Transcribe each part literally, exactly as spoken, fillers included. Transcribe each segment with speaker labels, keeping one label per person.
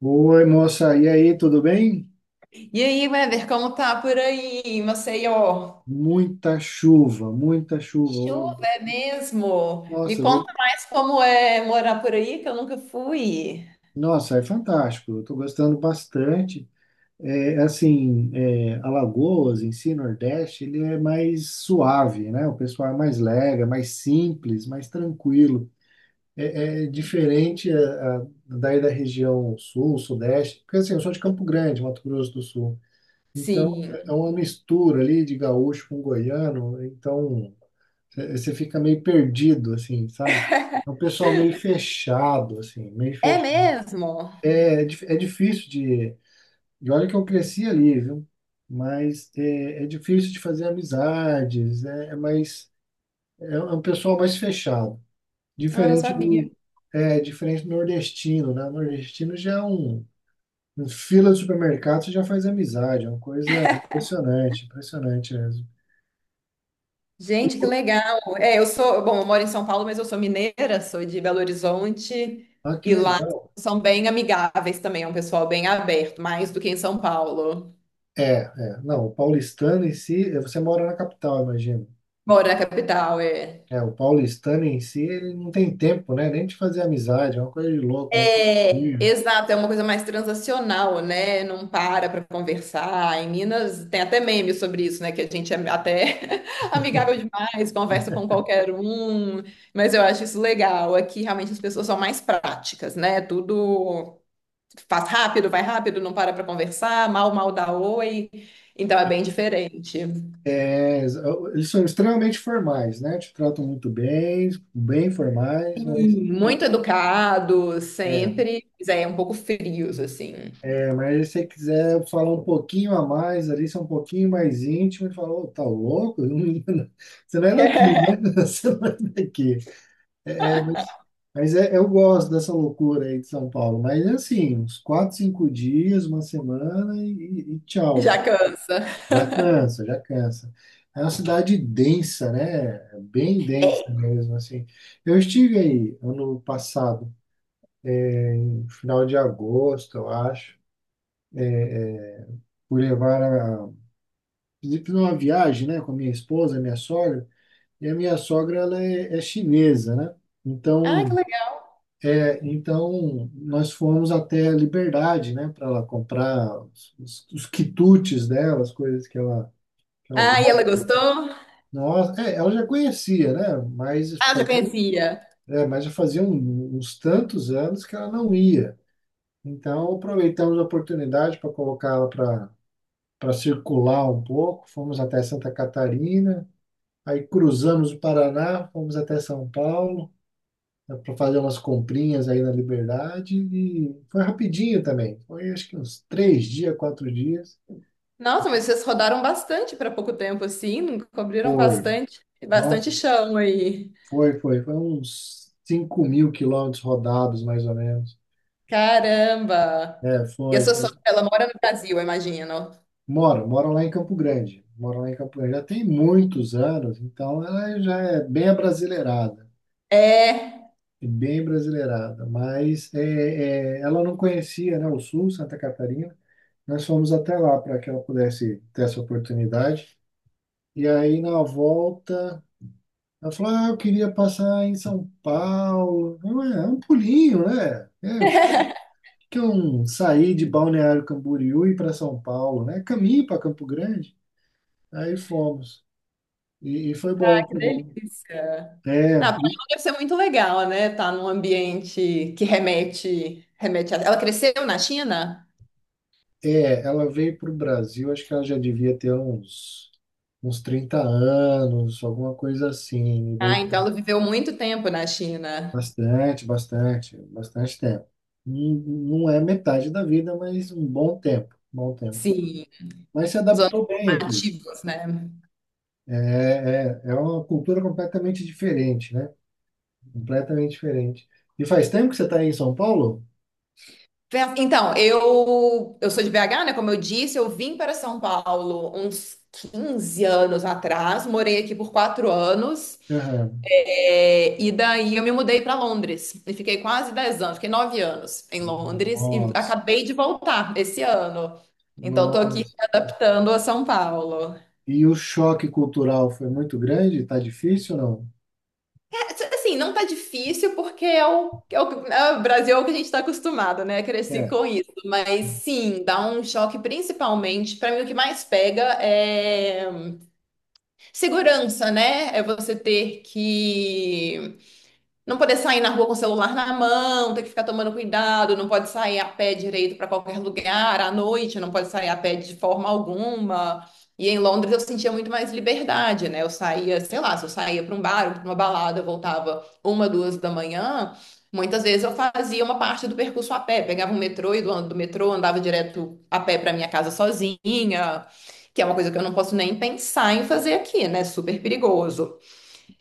Speaker 1: Oi, moça, e aí, tudo bem?
Speaker 2: E aí, Weber, como tá por aí, em Maceió?
Speaker 1: Muita chuva, muita chuva.
Speaker 2: Chuva
Speaker 1: Oh,
Speaker 2: é mesmo? Me
Speaker 1: Nossa, eu vou-
Speaker 2: conta mais como é morar por aí, que eu nunca fui.
Speaker 1: nossa, é fantástico. Eu estou gostando bastante. É, assim, é, Alagoas em si, Nordeste, ele é mais suave, né? O pessoal é mais lega, mais simples, mais tranquilo. É, é diferente a, a, daí da região Sul, Sudeste, porque assim, eu sou de Campo Grande, Mato Grosso do Sul. Então,
Speaker 2: Sim.
Speaker 1: é uma mistura ali de gaúcho com goiano. Então você fica meio perdido, assim, sabe? É um pessoal meio fechado, assim, meio
Speaker 2: É
Speaker 1: fechado.
Speaker 2: mesmo?
Speaker 1: É, é dif- é difícil de. E olha que eu cresci ali, viu? Mas é, é difícil de fazer amizades, é, é mais. É é um pessoal mais fechado.
Speaker 2: Ah, não
Speaker 1: Diferente
Speaker 2: sabia.
Speaker 1: do. É diferente do nordestino, né? O nordestino já é um. um fila de supermercado, você já faz amizade, é uma coisa impressionante, impressionante mesmo.
Speaker 2: Gente, que legal. É, eu sou, bom, eu moro em São Paulo, mas eu sou mineira, sou de Belo Horizonte
Speaker 1: Ah, que
Speaker 2: e lá
Speaker 1: legal.
Speaker 2: são bem amigáveis também, é um pessoal bem aberto, mais do que em São Paulo.
Speaker 1: É, é. Não, o paulistano em si, eh, você mora na capital, imagino.
Speaker 2: Moro na capital, é.
Speaker 1: É, o paulistano em si, ele não tem tempo, né? Nem de fazer amizade, é uma coisa de louco, é uma coisa
Speaker 2: É,
Speaker 1: horrível.
Speaker 2: exato, é uma coisa mais transacional, né? Não para para conversar. Em Minas tem até meme sobre isso, né? Que a gente é até amigável demais, conversa com qualquer um. Mas eu acho isso legal. Aqui realmente as pessoas são mais práticas, né? Tudo faz rápido, vai rápido, não para para conversar, mal, mal dá oi. Então é bem diferente.
Speaker 1: É, eles é, eles são extremamente formais, né? Te tratam muito bem, bem formais, mas,
Speaker 2: Sim, muito educado,
Speaker 1: é,
Speaker 2: sempre, mas é um pouco frios, assim.
Speaker 1: é, mas se você quiser falar um pouquinho a mais ali, ser um pouquinho mais íntimo, ele fala, ô, tá louco? Você não é daqui, né? Você não é daqui. É, mas é, eu gosto dessa loucura aí de São Paulo. Mas é assim, uns quatro, cinco dias, uma semana e, e tchau.
Speaker 2: Já cansa.
Speaker 1: Já cansa, já cansa. É uma cidade densa, né? Bem densa mesmo, assim. Eu estive aí ano passado, no final de agosto, eu acho. Fui levar a... Fiz uma viagem, né? Com a minha esposa, minha sogra. E a minha sogra, ela é, é chinesa, né?
Speaker 2: Ah, que
Speaker 1: Então,
Speaker 2: legal.
Speaker 1: É, então, nós fomos até a Liberdade, né, para ela comprar os, os- os quitutes dela, as coisas que ela, que ela
Speaker 2: Ah, e ela
Speaker 1: gosta.
Speaker 2: gostou?
Speaker 1: Nossa, é, ela já conhecia, né, mas
Speaker 2: Ah, já
Speaker 1: fazia,
Speaker 2: conhecia.
Speaker 1: é, mas já fazia um- uns tantos anos que ela não ia. Então, aproveitamos a oportunidade para colocá-la para para circular um pouco. Fomos até Santa Catarina, aí cruzamos o Paraná, fomos até São Paulo, para fazer umas comprinhas aí na Liberdade e foi rapidinho também. Foi acho que uns três dias, quatro dias.
Speaker 2: Nossa, mas vocês rodaram bastante para pouco tempo, assim, não cobriram bastante,
Speaker 1: Nossa,
Speaker 2: bastante chão aí.
Speaker 1: foi, foi. Foi uns cinco mil quilômetros rodados, mais ou menos.
Speaker 2: Caramba!
Speaker 1: É,
Speaker 2: E a
Speaker 1: foi,
Speaker 2: sua
Speaker 1: foi.
Speaker 2: sogra, ela mora no Brasil, eu imagino.
Speaker 1: Moro, moro lá em Campo Grande. Moro lá em Campo Grande. Já tem muitos anos, então ela já é bem abrasileirada.
Speaker 2: É,
Speaker 1: É, bem brasileirada. Mas é, é, ela não conhecia, né, o Sul, Santa Catarina. Nós fomos até lá para que ela pudesse ter essa oportunidade. E aí na volta, ela falou: Ah, eu queria passar em São Paulo. Eu, "É, é um pulinho, né? É, o que, que eu o que que eu saí de Balneário Camboriú e ir para São Paulo, né? Caminho para Campo Grande. Aí fomos. E, e foi bom,
Speaker 2: ah, que
Speaker 1: foi bom.
Speaker 2: delícia.
Speaker 1: É,
Speaker 2: Não, pra ela deve ser muito legal, né? Tá num ambiente que remete, remete a... Ela cresceu na China?
Speaker 1: é, ela veio para o Brasil, acho que ela já devia ter uns, uns trinta anos, alguma coisa assim.
Speaker 2: Ah,
Speaker 1: Veio.
Speaker 2: então ela viveu muito tempo na China.
Speaker 1: Bastante, bastante, bastante tempo. Não, não é metade da vida, mas um bom tempo, um bom tempo.
Speaker 2: Sim,
Speaker 1: Mas se
Speaker 2: os anos
Speaker 1: adaptou bem aqui.
Speaker 2: formativos, né?
Speaker 1: É, é, é uma cultura completamente diferente, né? Completamente diferente. E faz tempo que você está aí em São Paulo?
Speaker 2: Festa- Então, eu, eu sou de B H, né? Como eu disse, eu vim para São Paulo uns quinze anos atrás, morei aqui por quatro anos,
Speaker 1: Aham.
Speaker 2: é, e daí eu me mudei para Londres e fiquei quase dez anos, fiquei nove anos em Londres e
Speaker 1: Nossa,
Speaker 2: acabei de voltar esse ano. Então, estou aqui me
Speaker 1: nossa.
Speaker 2: adaptando a São Paulo.
Speaker 1: E o choque cultural foi muito grande? Tá difícil ou não?
Speaker 2: Assim, não tá difícil porque é o, é o, é o Brasil é o que a gente tá acostumado, né? Cresci
Speaker 1: É,
Speaker 2: com isso. Mas sim, dá um choque principalmente. Pra mim, o que mais pega é segurança, né? É você ter que não poder sair na rua com o celular na mão, ter que ficar tomando cuidado, não pode sair a pé direito para qualquer lugar, à noite não pode sair a pé de forma alguma. E em Londres eu sentia muito mais liberdade, né? Eu saía, sei lá, se eu saía para um bar ou para uma balada, eu voltava uma, duas da manhã, muitas vezes eu fazia uma parte do percurso a pé, pegava um metrô e do, do metrô andava direto a pé para minha casa sozinha, que é uma coisa que eu não posso nem pensar em fazer aqui, né? Super perigoso.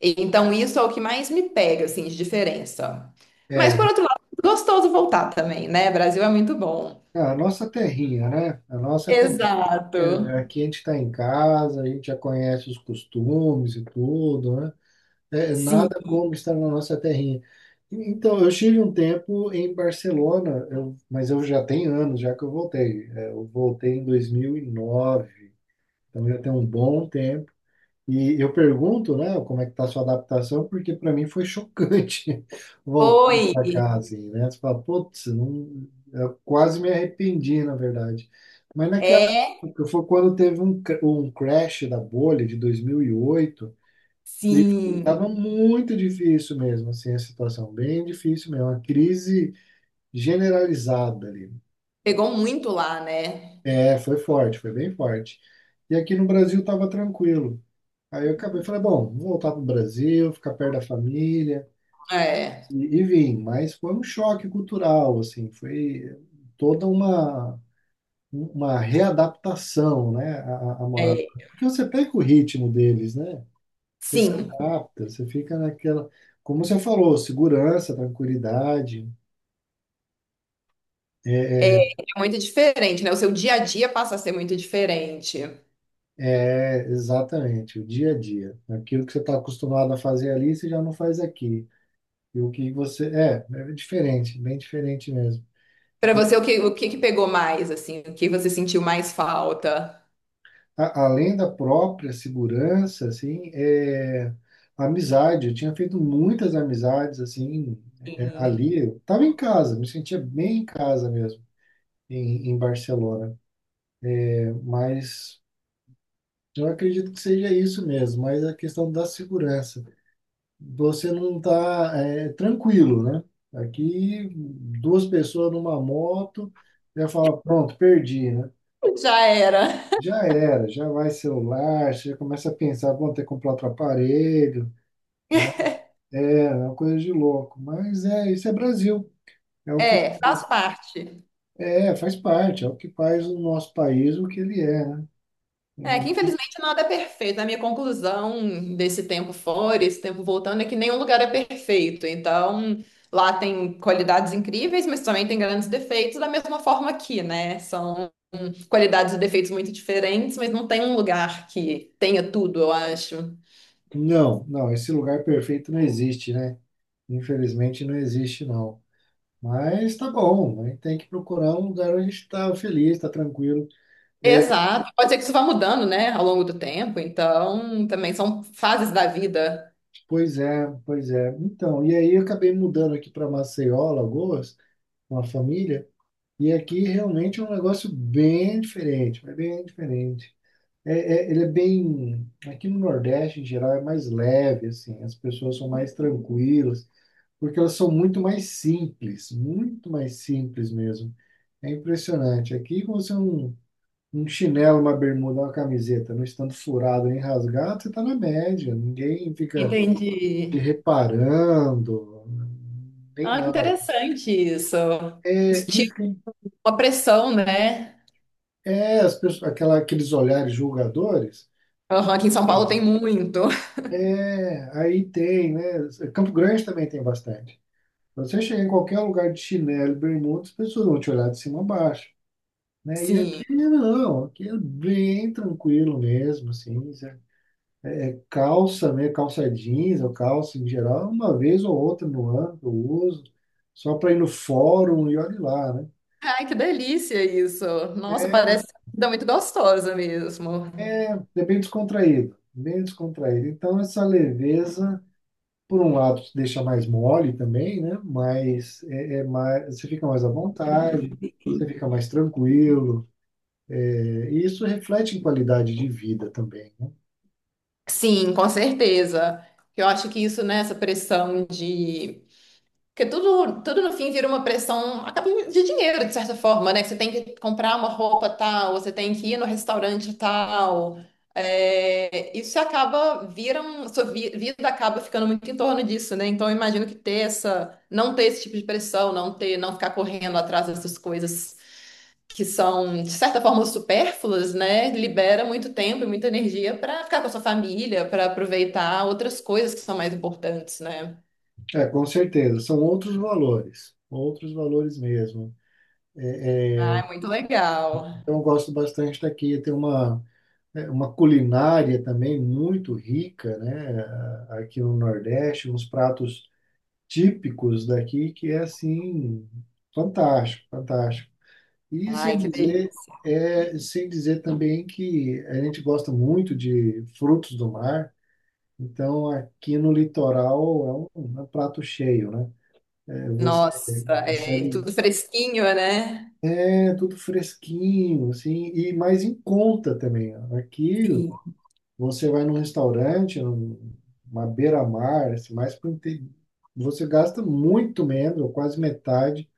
Speaker 2: Então, isso é o que mais me pega, assim, de diferença. Mas,
Speaker 1: é.
Speaker 2: por outro lado, gostoso voltar também, né? Brasil é muito bom.
Speaker 1: A nossa terrinha, né? A nossa É,
Speaker 2: Exato.
Speaker 1: Aqui a gente está em casa, a gente já conhece os costumes e tudo, né? É,
Speaker 2: Sim.
Speaker 1: nada como estar na nossa terrinha. E- Então, eu estive um tempo em Barcelona, eu- mas eu já tenho anos já que eu voltei. É, eu voltei em dois mil e nove, então já tem um bom tempo. E eu pergunto, né, como é que tá a sua adaptação, porque para mim foi chocante voltar
Speaker 2: Oi.
Speaker 1: para cá, assim, né? Você fala, putz, não. Eu quase me arrependi, na verdade. Mas naquela
Speaker 2: É,
Speaker 1: época, foi quando teve um, cr- um crash da bolha de dois mil e oito,
Speaker 2: sim.
Speaker 1: estava muito difícil mesmo, assim, a situação, bem difícil mesmo, uma crise generalizada ali.
Speaker 2: Pegou muito lá, né?
Speaker 1: É, foi forte, foi bem forte. E aqui no Brasil estava tranquilo. Aí eu acabei, falei, bom, vou voltar para o Brasil, ficar perto da família,
Speaker 2: É,
Speaker 1: e, e vim. Mas foi um choque cultural, assim, foi toda uma, uma readaptação, né, a, a morar.
Speaker 2: é.
Speaker 1: Porque você pega o ritmo deles, né? Você se
Speaker 2: Sim.
Speaker 1: adapta, você fica naquela, como você falou, segurança, tranquilidade. É, é,
Speaker 2: É muito diferente, né? O seu dia a dia passa a ser muito diferente.
Speaker 1: é, exatamente, o dia a dia. Aquilo que você está acostumado a fazer ali, você já não faz aqui. E o que você. É, é diferente, bem diferente mesmo.
Speaker 2: Para você, o que, o que que pegou mais, assim? O que você sentiu mais falta?
Speaker 1: A- além da própria segurança, assim, é, amizade. Eu tinha feito muitas amizades, assim, é,
Speaker 2: Sim.
Speaker 1: ali. Eu estava em casa, me sentia bem em casa mesmo, em, em Barcelona. É. Mas eu acredito que seja isso mesmo, mas a questão da segurança. Você não está tranquilo, né? Aqui, duas pessoas numa moto, já fala, pronto, perdi, né?
Speaker 2: Já era.
Speaker 1: Já era, já vai celular, você já começa a pensar, bom, ter que comprar outro aparelho, né? É, é uma coisa de louco. Mas é, isso é Brasil. É o que
Speaker 2: É, faz
Speaker 1: faz-
Speaker 2: parte.
Speaker 1: é, faz parte, é o que faz o nosso país o que ele é, né?
Speaker 2: É
Speaker 1: É,
Speaker 2: que infelizmente nada é perfeito. A minha conclusão desse tempo fora, esse tempo voltando, é que nenhum lugar é perfeito. Então, lá tem qualidades incríveis, mas também tem grandes defeitos, da mesma forma aqui, né? São qualidades e defeitos muito diferentes, mas não tem um lugar que tenha tudo, eu acho.
Speaker 1: não, não, esse lugar perfeito não existe, né? Infelizmente não existe, não. Mas tá bom, a gente tem que procurar um lugar onde a gente está feliz, está tranquilo.
Speaker 2: Exato. Pode ser que isso vá mudando, né, ao longo do tempo. Então, também são fases da vida.
Speaker 1: Pois é, pois é. Então, e aí eu acabei mudando aqui para Maceió, Alagoas, com a família, e aqui realmente é um negócio bem diferente, mas bem diferente. É, é- Ele é bem. Aqui no Nordeste, em geral, é mais leve, assim. As pessoas são mais tranquilas, porque elas são muito mais simples, muito mais simples mesmo. É impressionante. Aqui, com você um, um chinelo, uma bermuda, uma camiseta, não estando furado nem rasgado, você está na média. Ninguém fica
Speaker 2: Entendi.
Speaker 1: te reparando, nem
Speaker 2: Ah, que
Speaker 1: nada.
Speaker 2: interessante isso. Isso
Speaker 1: É
Speaker 2: tira
Speaker 1: isso que.
Speaker 2: uma pressão, né?
Speaker 1: É, as pessoas, aquela, aqueles olhares julgadores.
Speaker 2: Aham, aqui em São Paulo tem muito.
Speaker 1: É, aí tem, né? Campo Grande também tem bastante. Você chega em qualquer lugar de chinelo, e bermuda, as pessoas vão te olhar de cima a baixo, né? E
Speaker 2: Sim.
Speaker 1: aqui não, aqui é bem tranquilo mesmo, assim, sabe? Calça, né? Calça jeans ou calça em geral, uma vez ou outra no ano que eu uso, só para ir no fórum e olhe lá, né?
Speaker 2: Ai, que delícia isso. Nossa, parece uma comida muito gostosa mesmo.
Speaker 1: É bem descontraído, bem descontraído. Então, essa leveza por um lado, te deixa mais mole também, né? Mas é, é mais, você fica mais à vontade, você fica mais tranquilo. É, e isso reflete em qualidade de vida também, né?
Speaker 2: Sim, com certeza. Eu acho que isso, né, essa pressão de porque tudo, tudo no fim vira uma pressão acaba de dinheiro, de certa forma, né? Que você tem que comprar uma roupa tal, você tem que ir no restaurante tal. É, isso acaba, vira um, sua vi- vida acaba ficando muito em torno disso, né? Então eu imagino que ter essa, não ter esse tipo de pressão, não ter, não ficar correndo atrás dessas coisas que são, de certa forma, supérfluas, né? Libera muito tempo e muita energia para ficar com a sua família, para aproveitar outras coisas que são mais importantes, né?
Speaker 1: É, com certeza. São outros valores, outros valores mesmo.
Speaker 2: Ah, é muito legal.
Speaker 1: Então, eu gosto bastante daqui. Tem uma, é, uma culinária também muito rica, né? a- Aqui no Nordeste, uns pratos típicos daqui que é assim. Fantástico, fantástico. E sem
Speaker 2: Ai, que
Speaker 1: dizer,
Speaker 2: delícia.
Speaker 1: é, sem dizer também que a gente gosta muito de frutos do mar, então aqui no litoral é um, é um prato cheio, né? É, você
Speaker 2: Nossa, é
Speaker 1: consegue,
Speaker 2: tudo fresquinho, né?
Speaker 1: é tudo fresquinho, assim, e mais em conta também. Aqui
Speaker 2: Sim.
Speaker 1: você vai num restaurante, numa beira-mar, assim, mais pro inte- você gasta muito menos, ou quase metade,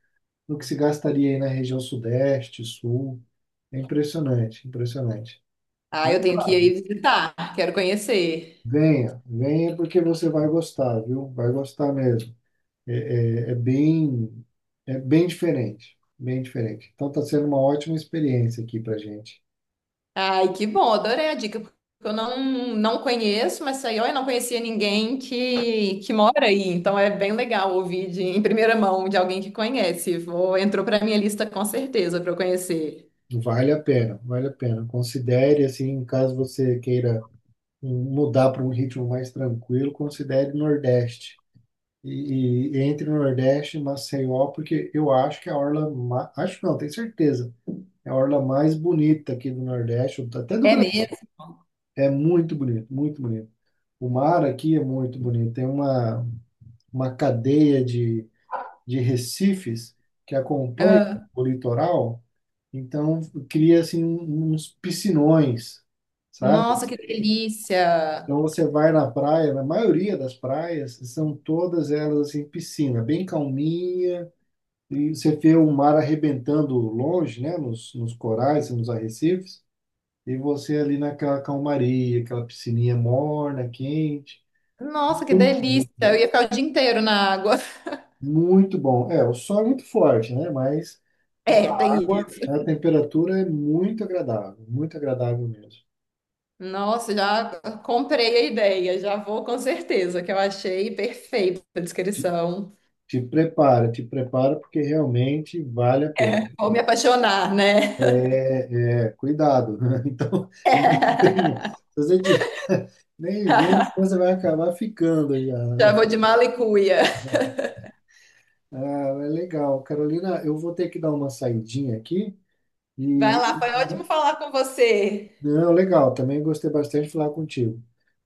Speaker 1: do que se gastaria aí na região sudeste, sul. É impressionante, impressionante.
Speaker 2: Ah,
Speaker 1: Mas,
Speaker 2: eu tenho que ir aí
Speaker 1: claro,
Speaker 2: visitar, quero conhecer.
Speaker 1: venha, venha porque você vai gostar, viu? Vai gostar mesmo. É, é, é bem, É bem diferente, bem diferente. Então está sendo uma ótima experiência aqui para gente.
Speaker 2: Ai, que bom, adorei a dica, porque eu não, não conheço, mas saiu eu não conhecia ninguém que, que mora aí, então é bem legal ouvir de, em primeira mão de alguém que conhece. Vou, entrou para minha lista com certeza para eu conhecer.
Speaker 1: Vale a pena, vale a pena. Considere assim, caso você queira um- mudar para um ritmo mais tranquilo, considere Nordeste. E, e entre Nordeste e Maceió, porque eu acho que é a orla, ma- acho não, tenho certeza, é a orla mais bonita aqui do Nordeste, até do
Speaker 2: É mesmo?
Speaker 1: Brasil. É muito bonito, muito bonito. O mar aqui é muito bonito. Tem uma, uma cadeia de, de recifes que acompanha
Speaker 2: Ah,
Speaker 1: o litoral, então cria assim um- uns piscinões, sabe?
Speaker 2: nossa, que delícia!
Speaker 1: Então você vai na praia, na maioria das praias, são todas elas assim piscina, bem calminha, e você vê o mar arrebentando longe, né, nos, nos corais, nos arrecifes, e você ali naquela calmaria, aquela piscininha morna, quente.
Speaker 2: Nossa, que delícia! Eu ia ficar o dia inteiro na água.
Speaker 1: Muito bom. É, o sol é muito forte, né? Mas
Speaker 2: É,
Speaker 1: a
Speaker 2: tem
Speaker 1: água,
Speaker 2: isso.
Speaker 1: a temperatura é muito agradável, muito agradável mesmo.
Speaker 2: Nossa, já comprei a ideia, já vou com certeza, que eu achei perfeita a descrição.
Speaker 1: Te prepara, te prepara, porque realmente vale a pena.
Speaker 2: Vou me apaixonar, né?
Speaker 1: É, é, cuidado, né? Então, nem venha. Se você tiver- nem vem, senão você vai acabar ficando já,
Speaker 2: Já
Speaker 1: né?
Speaker 2: vou de mala e cuia.
Speaker 1: Ah, é legal. Carolina, eu vou ter que dar uma saidinha aqui.
Speaker 2: Vai
Speaker 1: E,
Speaker 2: lá, foi ótimo falar com você.
Speaker 1: não, legal, também gostei bastante de falar contigo.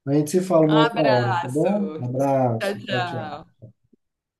Speaker 1: A gente se fala
Speaker 2: Um
Speaker 1: uma outra hora, tá bom?
Speaker 2: abraço.
Speaker 1: Um
Speaker 2: Tchau,
Speaker 1: abraço, tchau,
Speaker 2: tchau.
Speaker 1: tchau.